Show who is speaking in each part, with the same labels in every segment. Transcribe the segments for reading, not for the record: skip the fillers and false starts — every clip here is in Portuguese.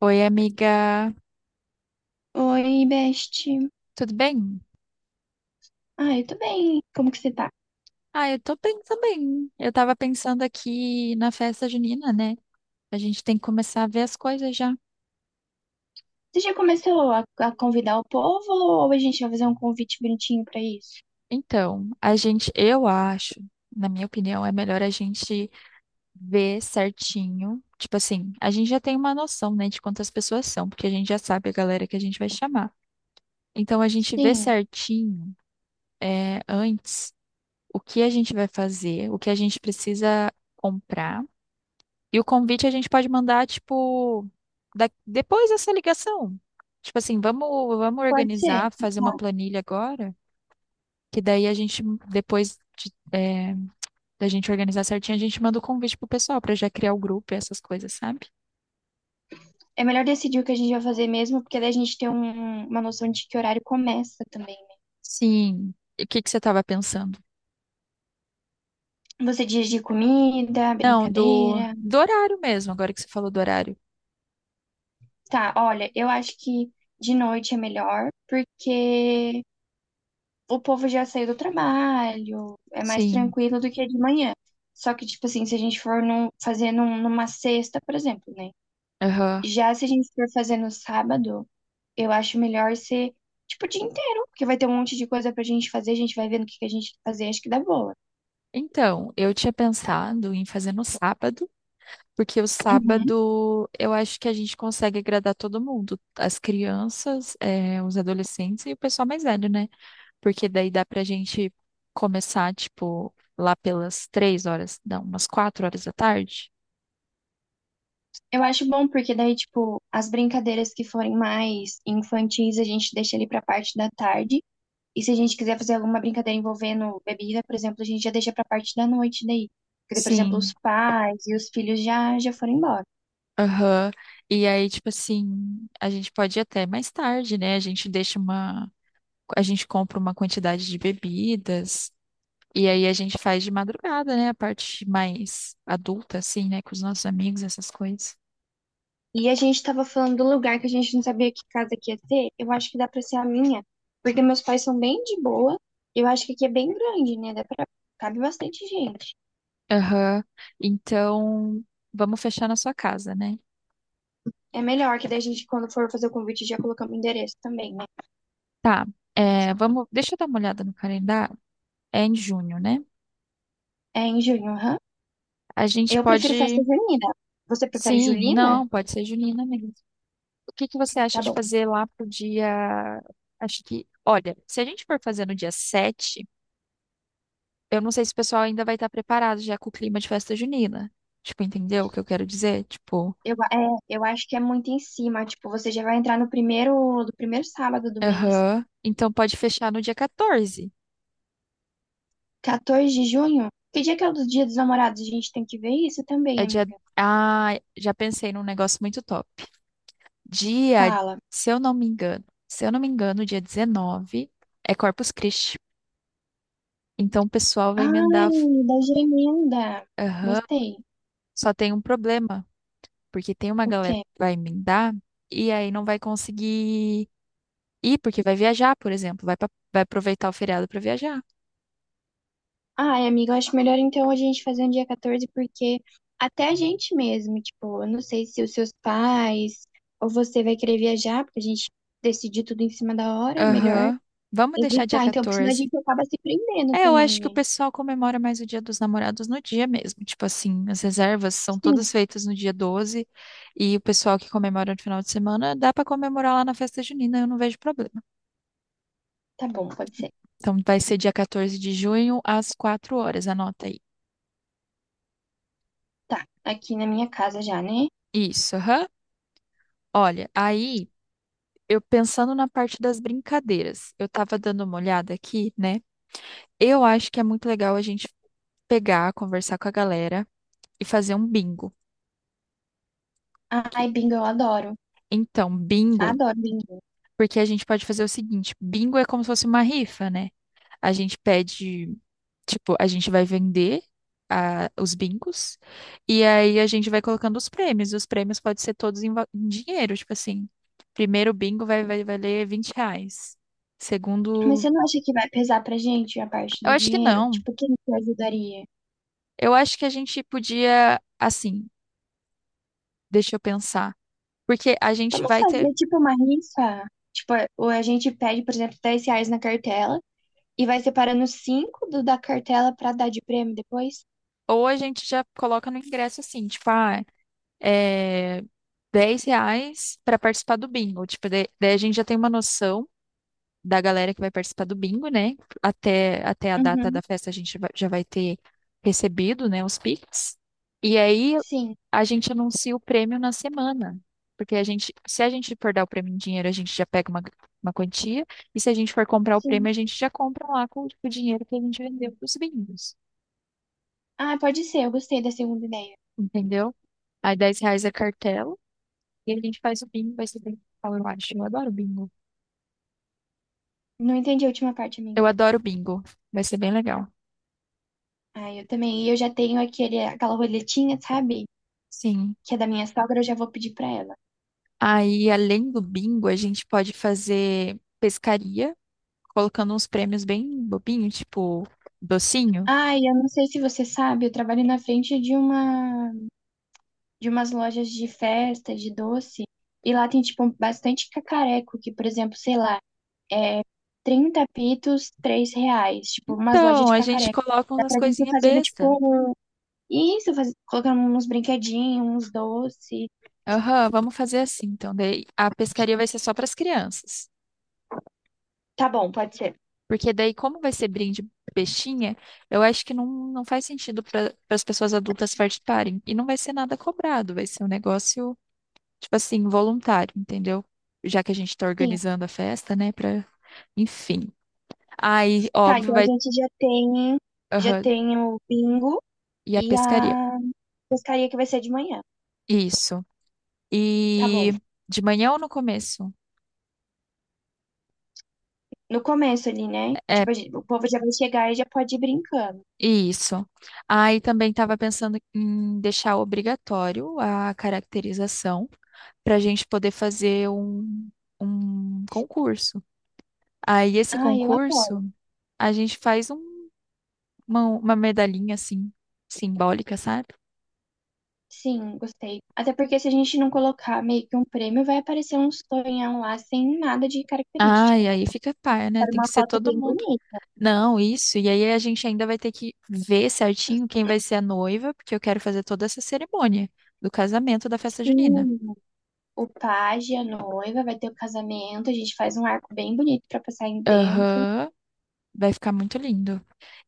Speaker 1: Oi, amiga.
Speaker 2: Oi, Best.
Speaker 1: Tudo bem?
Speaker 2: Ah, eu tô bem. Como que você tá?
Speaker 1: Ah, eu tô bem também. Eu tava pensando aqui na festa junina, né? A gente tem que começar a ver as coisas já.
Speaker 2: Você já começou a convidar o povo ou a gente vai fazer um convite bonitinho pra isso?
Speaker 1: Então, a gente, eu acho, na minha opinião, é melhor a gente ver certinho. Tipo assim, a gente já tem uma noção, né, de quantas pessoas são, porque a gente já sabe a galera que a gente vai chamar. Então, a gente vê
Speaker 2: Sim,
Speaker 1: certinho, antes o que a gente vai fazer, o que a gente precisa comprar. E o convite a gente pode mandar, tipo, depois dessa ligação. Tipo assim, vamos
Speaker 2: pode ser.
Speaker 1: organizar, fazer uma
Speaker 2: Tá.
Speaker 1: planilha agora, que daí a gente, depois da gente organizar certinho, a gente manda o convite pro pessoal pra já criar o grupo e essas coisas, sabe?
Speaker 2: É melhor decidir o que a gente vai fazer mesmo, porque daí a gente tem uma noção de que horário começa também, né?
Speaker 1: Sim. E o que que você tava pensando?
Speaker 2: Você diz de comida,
Speaker 1: Não, do,
Speaker 2: brincadeira.
Speaker 1: do horário mesmo, agora que você falou do horário.
Speaker 2: Tá, olha, eu acho que de noite é melhor, porque o povo já saiu do trabalho, é mais
Speaker 1: Sim.
Speaker 2: tranquilo do que de manhã. Só que, tipo assim, se a gente for fazer numa sexta, por exemplo, né?
Speaker 1: Aham.
Speaker 2: Já se a gente for fazer no sábado, eu acho melhor ser, tipo, o dia inteiro, porque vai ter um monte de coisa pra gente fazer, a gente vai vendo o que que a gente quer fazer, acho que dá boa.
Speaker 1: Então, eu tinha pensado em fazer no sábado. Porque o
Speaker 2: Uhum.
Speaker 1: sábado eu acho que a gente consegue agradar todo mundo, as crianças, os adolescentes e o pessoal mais velho, né? Porque daí dá pra gente começar, tipo, lá pelas 3 horas, não, umas 4 horas da tarde.
Speaker 2: Eu acho bom, porque daí, tipo, as brincadeiras que forem mais infantis, a gente deixa ali pra parte da tarde. E se a gente quiser fazer alguma brincadeira envolvendo bebida, por exemplo, a gente já deixa pra parte da noite daí. Porque, por exemplo, os
Speaker 1: Sim,
Speaker 2: pais e os filhos já foram embora.
Speaker 1: aham. E aí, tipo assim, a gente pode ir até mais tarde, né? A gente deixa uma. A gente compra uma quantidade de bebidas. E aí a gente faz de madrugada, né? A parte mais adulta, assim, né? Com os nossos amigos, essas coisas.
Speaker 2: E a gente tava falando do lugar que a gente não sabia que casa que ia ser. Eu acho que dá pra ser a minha, porque meus pais são bem de boa. Eu acho que aqui é bem grande, né? Dá pra... Cabe bastante gente.
Speaker 1: Aham. Então, vamos fechar na sua casa, né?
Speaker 2: É melhor que daí a gente, quando for fazer o convite, já colocamos o endereço também, né?
Speaker 1: Tá. É, vamos, deixa eu dar uma olhada no calendário. É em junho, né?
Speaker 2: É em junho, aham.
Speaker 1: A gente
Speaker 2: Eu prefiro festa
Speaker 1: pode.
Speaker 2: junina. Você prefere
Speaker 1: Sim,
Speaker 2: julina?
Speaker 1: não, pode ser junina mesmo. O que que você acha
Speaker 2: Tá
Speaker 1: de
Speaker 2: bom.
Speaker 1: fazer lá pro dia. Acho que. Olha, se a gente for fazer no dia 7, eu não sei se o pessoal ainda vai estar preparado já com o clima de festa junina. Tipo, entendeu o que eu quero dizer? Tipo.
Speaker 2: Eu acho que é muito em cima. Tipo, você já vai entrar no primeiro, do primeiro sábado do mês.
Speaker 1: Aham. Então pode fechar no dia 14.
Speaker 2: 14 de junho? Que dia que é o do Dia dos Namorados? A gente tem que ver isso também,
Speaker 1: É dia.
Speaker 2: amiga.
Speaker 1: Ah, já pensei num negócio muito top. Dia,
Speaker 2: Fala.
Speaker 1: se eu não me engano, se eu não me engano, dia 19 é Corpus Christi. Então o pessoal vai
Speaker 2: Ai,
Speaker 1: emendar.
Speaker 2: da gemenda.
Speaker 1: Aham.
Speaker 2: Gostei.
Speaker 1: Só tem um problema, porque tem uma
Speaker 2: O
Speaker 1: galera
Speaker 2: quê?
Speaker 1: que vai emendar e aí não vai conseguir ir, porque vai viajar, por exemplo, vai aproveitar o feriado para viajar.
Speaker 2: Ai, amiga, eu acho melhor então a gente fazer um dia 14, porque até a gente mesmo, tipo, eu não sei se os seus pais ou você vai querer viajar, porque a gente decidir tudo em cima da hora, melhor
Speaker 1: Aham. Vamos deixar dia
Speaker 2: evitar. Então, porque senão a
Speaker 1: 14.
Speaker 2: gente acaba se prendendo
Speaker 1: É, eu
Speaker 2: também,
Speaker 1: acho que o
Speaker 2: né?
Speaker 1: pessoal comemora mais o Dia dos Namorados no dia mesmo. Tipo assim, as reservas são todas
Speaker 2: Sim.
Speaker 1: feitas no dia 12 e o pessoal que comemora no final de semana dá pra comemorar lá na festa junina, eu não vejo problema.
Speaker 2: Tá bom, pode ser.
Speaker 1: Então vai ser dia 14 de junho às 4 horas, anota aí.
Speaker 2: Tá, aqui na minha casa já, né?
Speaker 1: Isso, aham. Olha, aí eu pensando na parte das brincadeiras, eu tava dando uma olhada aqui, né? Eu acho que é muito legal a gente pegar, conversar com a galera e fazer um bingo. Que-
Speaker 2: Ai, bingo, eu adoro.
Speaker 1: Então, bingo.
Speaker 2: Adoro bingo.
Speaker 1: Porque a gente pode fazer o seguinte: bingo é como se fosse uma rifa, né? A gente pede, tipo, a gente vai vender os bingos e aí a gente vai colocando os prêmios. E os prêmios podem ser todos em, em dinheiro, tipo assim. Primeiro bingo vai valer R$ 20.
Speaker 2: Mas
Speaker 1: Segundo.
Speaker 2: você não acha que vai pesar pra gente a parte
Speaker 1: Eu
Speaker 2: do
Speaker 1: acho que
Speaker 2: dinheiro?
Speaker 1: não.
Speaker 2: Tipo, quem que ajudaria?
Speaker 1: Eu acho que a gente podia, assim, deixa eu pensar. Porque a gente
Speaker 2: Vamos
Speaker 1: vai ter.
Speaker 2: fazer tipo uma rifa? Tipo, ou a gente pede, por exemplo, 10 reais na cartela e vai separando 5 da cartela pra dar de prêmio depois?
Speaker 1: Ou a gente já coloca no ingresso assim, tipo, é, R$ 10 para participar do bingo. Tipo, daí a gente já tem uma noção da galera que vai participar do bingo, né? Até a data da
Speaker 2: Uhum.
Speaker 1: festa a gente já vai ter recebido, né, os Pix. E aí
Speaker 2: Sim,
Speaker 1: a gente anuncia o prêmio na semana. Porque a gente, se a gente for dar o prêmio em dinheiro, a gente já pega uma quantia. E se a gente for comprar o
Speaker 2: sim.
Speaker 1: prêmio, a gente já compra lá com, o dinheiro que a gente vendeu para os bingos.
Speaker 2: Ah, pode ser, eu gostei da segunda ideia.
Speaker 1: Entendeu? Aí R$ 10 é cartela. E a gente faz o bingo, vai ser bem legal, eu acho. Eu adoro bingo.
Speaker 2: Não entendi a última parte, amiga.
Speaker 1: Eu adoro bingo. Vai ser bem legal.
Speaker 2: Ah, eu também. E eu já tenho aquela roletinha, sabe?
Speaker 1: Sim.
Speaker 2: Que é da minha sogra, eu já vou pedir pra ela.
Speaker 1: Aí, além do bingo, a gente pode fazer pescaria, colocando uns prêmios bem bobinhos, tipo docinho.
Speaker 2: Ai, eu não sei se você sabe, eu trabalho na frente de uma de umas lojas de festa, de doce, e lá tem tipo bastante cacareco, que por exemplo, sei lá, 30 pitos, 3 reais, tipo umas lojas
Speaker 1: Então,
Speaker 2: de
Speaker 1: a gente
Speaker 2: cacareco.
Speaker 1: coloca
Speaker 2: Dá
Speaker 1: umas
Speaker 2: pra gente ir
Speaker 1: coisinhas
Speaker 2: fazendo
Speaker 1: besta.
Speaker 2: tipo isso, faz... colocando uns brinquedinhos, uns doces.
Speaker 1: Aham, vamos fazer assim. Então, daí a pescaria vai ser só para as crianças.
Speaker 2: Tá bom, pode ser.
Speaker 1: Porque daí, como vai ser brinde bestinha, eu acho que não, não faz sentido para as pessoas adultas participarem. E não vai ser nada cobrado, vai ser um negócio tipo assim, voluntário, entendeu? Já que a gente tá
Speaker 2: Sim.
Speaker 1: organizando a festa, né, pra... Enfim. Aí,
Speaker 2: Tá,
Speaker 1: óbvio,
Speaker 2: então a
Speaker 1: vai...
Speaker 2: gente já
Speaker 1: Aham.
Speaker 2: tem o bingo
Speaker 1: E a
Speaker 2: e
Speaker 1: pescaria.
Speaker 2: a pescaria que vai ser de manhã.
Speaker 1: Isso.
Speaker 2: Tá bom.
Speaker 1: E de manhã ou no começo?
Speaker 2: No começo ali, né?
Speaker 1: É,
Speaker 2: Tipo, o povo já vai chegar e já pode ir brincando.
Speaker 1: isso. Aí também tava pensando em deixar obrigatório a caracterização pra gente poder fazer um concurso. Aí, esse
Speaker 2: Ah, eu apoio.
Speaker 1: concurso, a gente faz uma medalhinha, assim, simbólica, sabe?
Speaker 2: Sim, gostei. Até porque se a gente não colocar meio que um prêmio, vai aparecer um sonhão lá sem nada de
Speaker 1: Ah,
Speaker 2: característica,
Speaker 1: e
Speaker 2: né?
Speaker 1: aí fica par, né?
Speaker 2: Para
Speaker 1: Tem
Speaker 2: uma
Speaker 1: que ser
Speaker 2: foto
Speaker 1: todo
Speaker 2: bem
Speaker 1: mundo.
Speaker 2: bonita.
Speaker 1: Não, isso. E aí a gente ainda vai ter que ver certinho quem vai ser a noiva, porque eu quero fazer toda essa cerimônia do casamento da festa
Speaker 2: Sim,
Speaker 1: junina.
Speaker 2: o pajem, a noiva, vai ter o casamento, a gente faz um arco bem bonito para passar aí dentro.
Speaker 1: Aham, vai ficar muito lindo.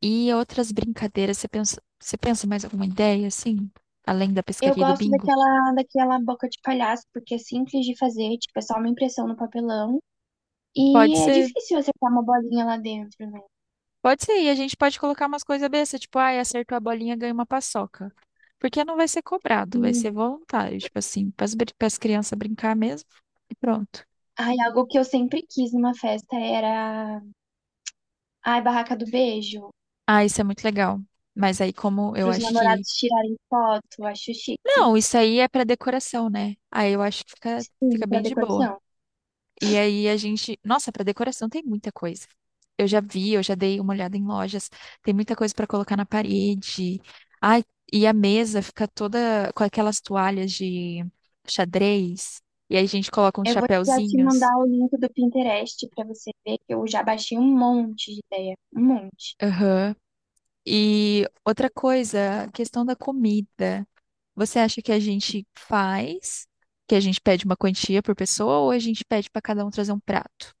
Speaker 1: E outras brincadeiras, você pensa mais alguma ideia, assim? Além da
Speaker 2: Eu
Speaker 1: pescaria e do
Speaker 2: gosto
Speaker 1: bingo?
Speaker 2: daquela boca de palhaço, porque é simples de fazer, tipo, é só uma impressão no papelão. E
Speaker 1: Pode
Speaker 2: é
Speaker 1: ser,
Speaker 2: difícil acertar uma bolinha lá dentro, né?
Speaker 1: pode ser. E a gente pode colocar umas coisas bestas, tipo, ai, acertou a bolinha, ganha uma paçoca. Porque não vai ser cobrado, vai ser
Speaker 2: Sim.
Speaker 1: voluntário, tipo assim, para as crianças brincar mesmo e pronto.
Speaker 2: Ai, algo que eu sempre quis numa festa era. Ai, barraca do beijo.
Speaker 1: Ah, isso é muito legal. Mas aí como eu
Speaker 2: Para os
Speaker 1: acho que.
Speaker 2: namorados tirarem foto, acho chique.
Speaker 1: Não, isso aí é pra decoração, né? Aí eu acho que fica
Speaker 2: Sim, para
Speaker 1: bem de boa.
Speaker 2: decoração.
Speaker 1: E aí a gente. Nossa, pra decoração tem muita coisa. Eu já vi, eu já dei uma olhada em lojas. Tem muita coisa pra colocar na parede. Ai, e a mesa fica toda com aquelas toalhas de xadrez. E aí a gente coloca uns
Speaker 2: Eu vou já te
Speaker 1: chapéuzinhos.
Speaker 2: mandar o link do Pinterest para você ver que eu já baixei um monte de ideia. Um monte.
Speaker 1: Aham. E outra coisa, a questão da comida. Você acha que a gente faz, que a gente pede uma quantia por pessoa ou a gente pede para cada um trazer um prato?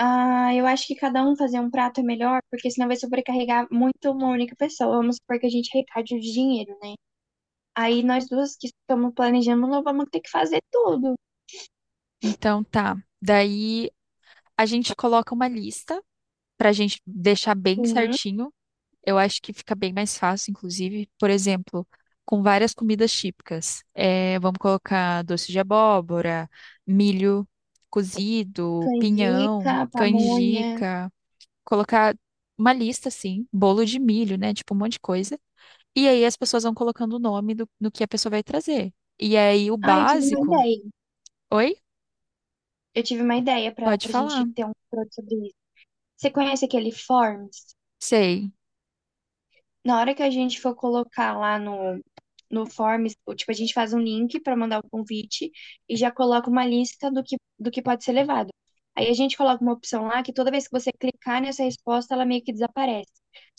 Speaker 2: Ah, eu acho que cada um fazer um prato é melhor, porque senão vai sobrecarregar muito uma única pessoa. Vamos supor que a gente arrecade o dinheiro, né? Aí nós duas que estamos planejando, nós vamos ter que fazer tudo.
Speaker 1: Então tá. Daí a gente coloca uma lista para a gente deixar bem
Speaker 2: Uhum.
Speaker 1: certinho. Eu acho que fica bem mais fácil, inclusive, por exemplo, com várias comidas típicas. É, vamos colocar doce de abóbora, milho cozido,
Speaker 2: Canjica,
Speaker 1: pinhão,
Speaker 2: pamonha.
Speaker 1: canjica, colocar uma lista assim, bolo de milho, né? Tipo um monte de coisa. E aí as pessoas vão colocando o nome do que a pessoa vai trazer. E aí o
Speaker 2: Ah, eu tive uma
Speaker 1: básico.
Speaker 2: ideia.
Speaker 1: Oi?
Speaker 2: Eu tive uma ideia para
Speaker 1: Pode
Speaker 2: a gente
Speaker 1: falar.
Speaker 2: ter um produto sobre isso. Você conhece aquele Forms?
Speaker 1: Sei.
Speaker 2: Na hora que a gente for colocar lá no Forms, tipo, a gente faz um link para mandar o convite e já coloca uma lista do do que pode ser levado. Aí a gente coloca uma opção lá que toda vez que você clicar nessa resposta, ela meio que desaparece.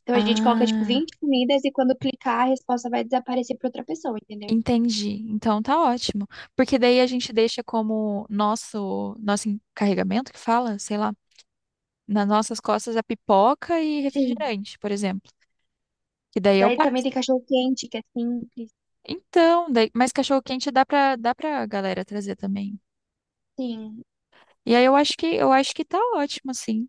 Speaker 2: Então a gente coloca, tipo,
Speaker 1: Ah,
Speaker 2: 20 comidas e quando clicar, a resposta vai desaparecer para outra pessoa, entendeu?
Speaker 1: entendi. Então tá ótimo. Porque daí a gente deixa como nosso encarregamento que fala, sei lá, nas nossas costas a pipoca e
Speaker 2: Sim.
Speaker 1: refrigerante, por exemplo. Que daí é o
Speaker 2: Daí também
Speaker 1: básico.
Speaker 2: tem cachorro quente, que é simples.
Speaker 1: Então, daí, mas cachorro quente dá pra galera trazer também.
Speaker 2: Sim.
Speaker 1: E aí eu acho que tá ótimo, assim.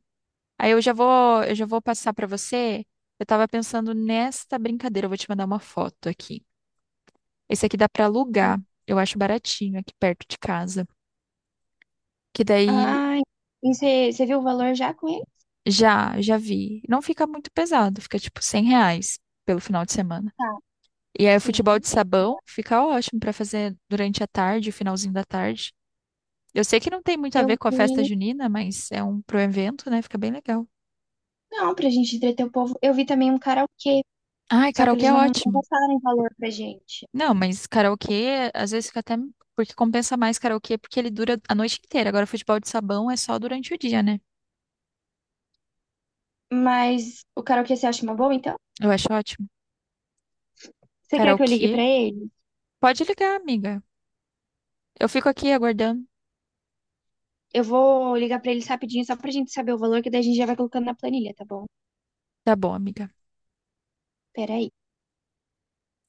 Speaker 1: Aí eu já vou passar para você. Eu tava pensando nesta brincadeira, eu vou te mandar uma foto aqui. Esse aqui dá para alugar. Eu acho baratinho aqui perto de casa. Que daí
Speaker 2: Ai, e você viu o valor já com ele?
Speaker 1: já vi. Não fica muito pesado, fica tipo R$ 100 pelo final de semana.
Speaker 2: Tá.
Speaker 1: E aí o futebol
Speaker 2: Sim.
Speaker 1: de sabão fica ótimo para fazer durante a tarde, o finalzinho da tarde. Eu sei que não tem muito a ver
Speaker 2: Eu
Speaker 1: com a festa
Speaker 2: vi.
Speaker 1: junina, mas é um pro evento, né? Fica bem legal.
Speaker 2: Não, pra gente entreter o povo. Eu vi também um karaokê.
Speaker 1: Ai,
Speaker 2: Só que
Speaker 1: karaokê
Speaker 2: eles
Speaker 1: é
Speaker 2: não
Speaker 1: ótimo.
Speaker 2: passaram valor pra gente.
Speaker 1: Não, mas karaokê, às vezes fica até. Porque compensa mais karaokê porque ele dura a noite inteira. Agora, futebol de sabão é só durante o dia, né?
Speaker 2: Mas o karaokê você acha uma boa, então?
Speaker 1: Eu acho ótimo.
Speaker 2: Você quer que eu ligue pra
Speaker 1: Karaokê.
Speaker 2: ele?
Speaker 1: Pode ligar, amiga. Eu fico aqui aguardando.
Speaker 2: Eu vou ligar pra eles rapidinho, só pra gente saber o valor, que daí a gente já vai colocando na planilha, tá bom?
Speaker 1: Tá bom, amiga.
Speaker 2: Peraí.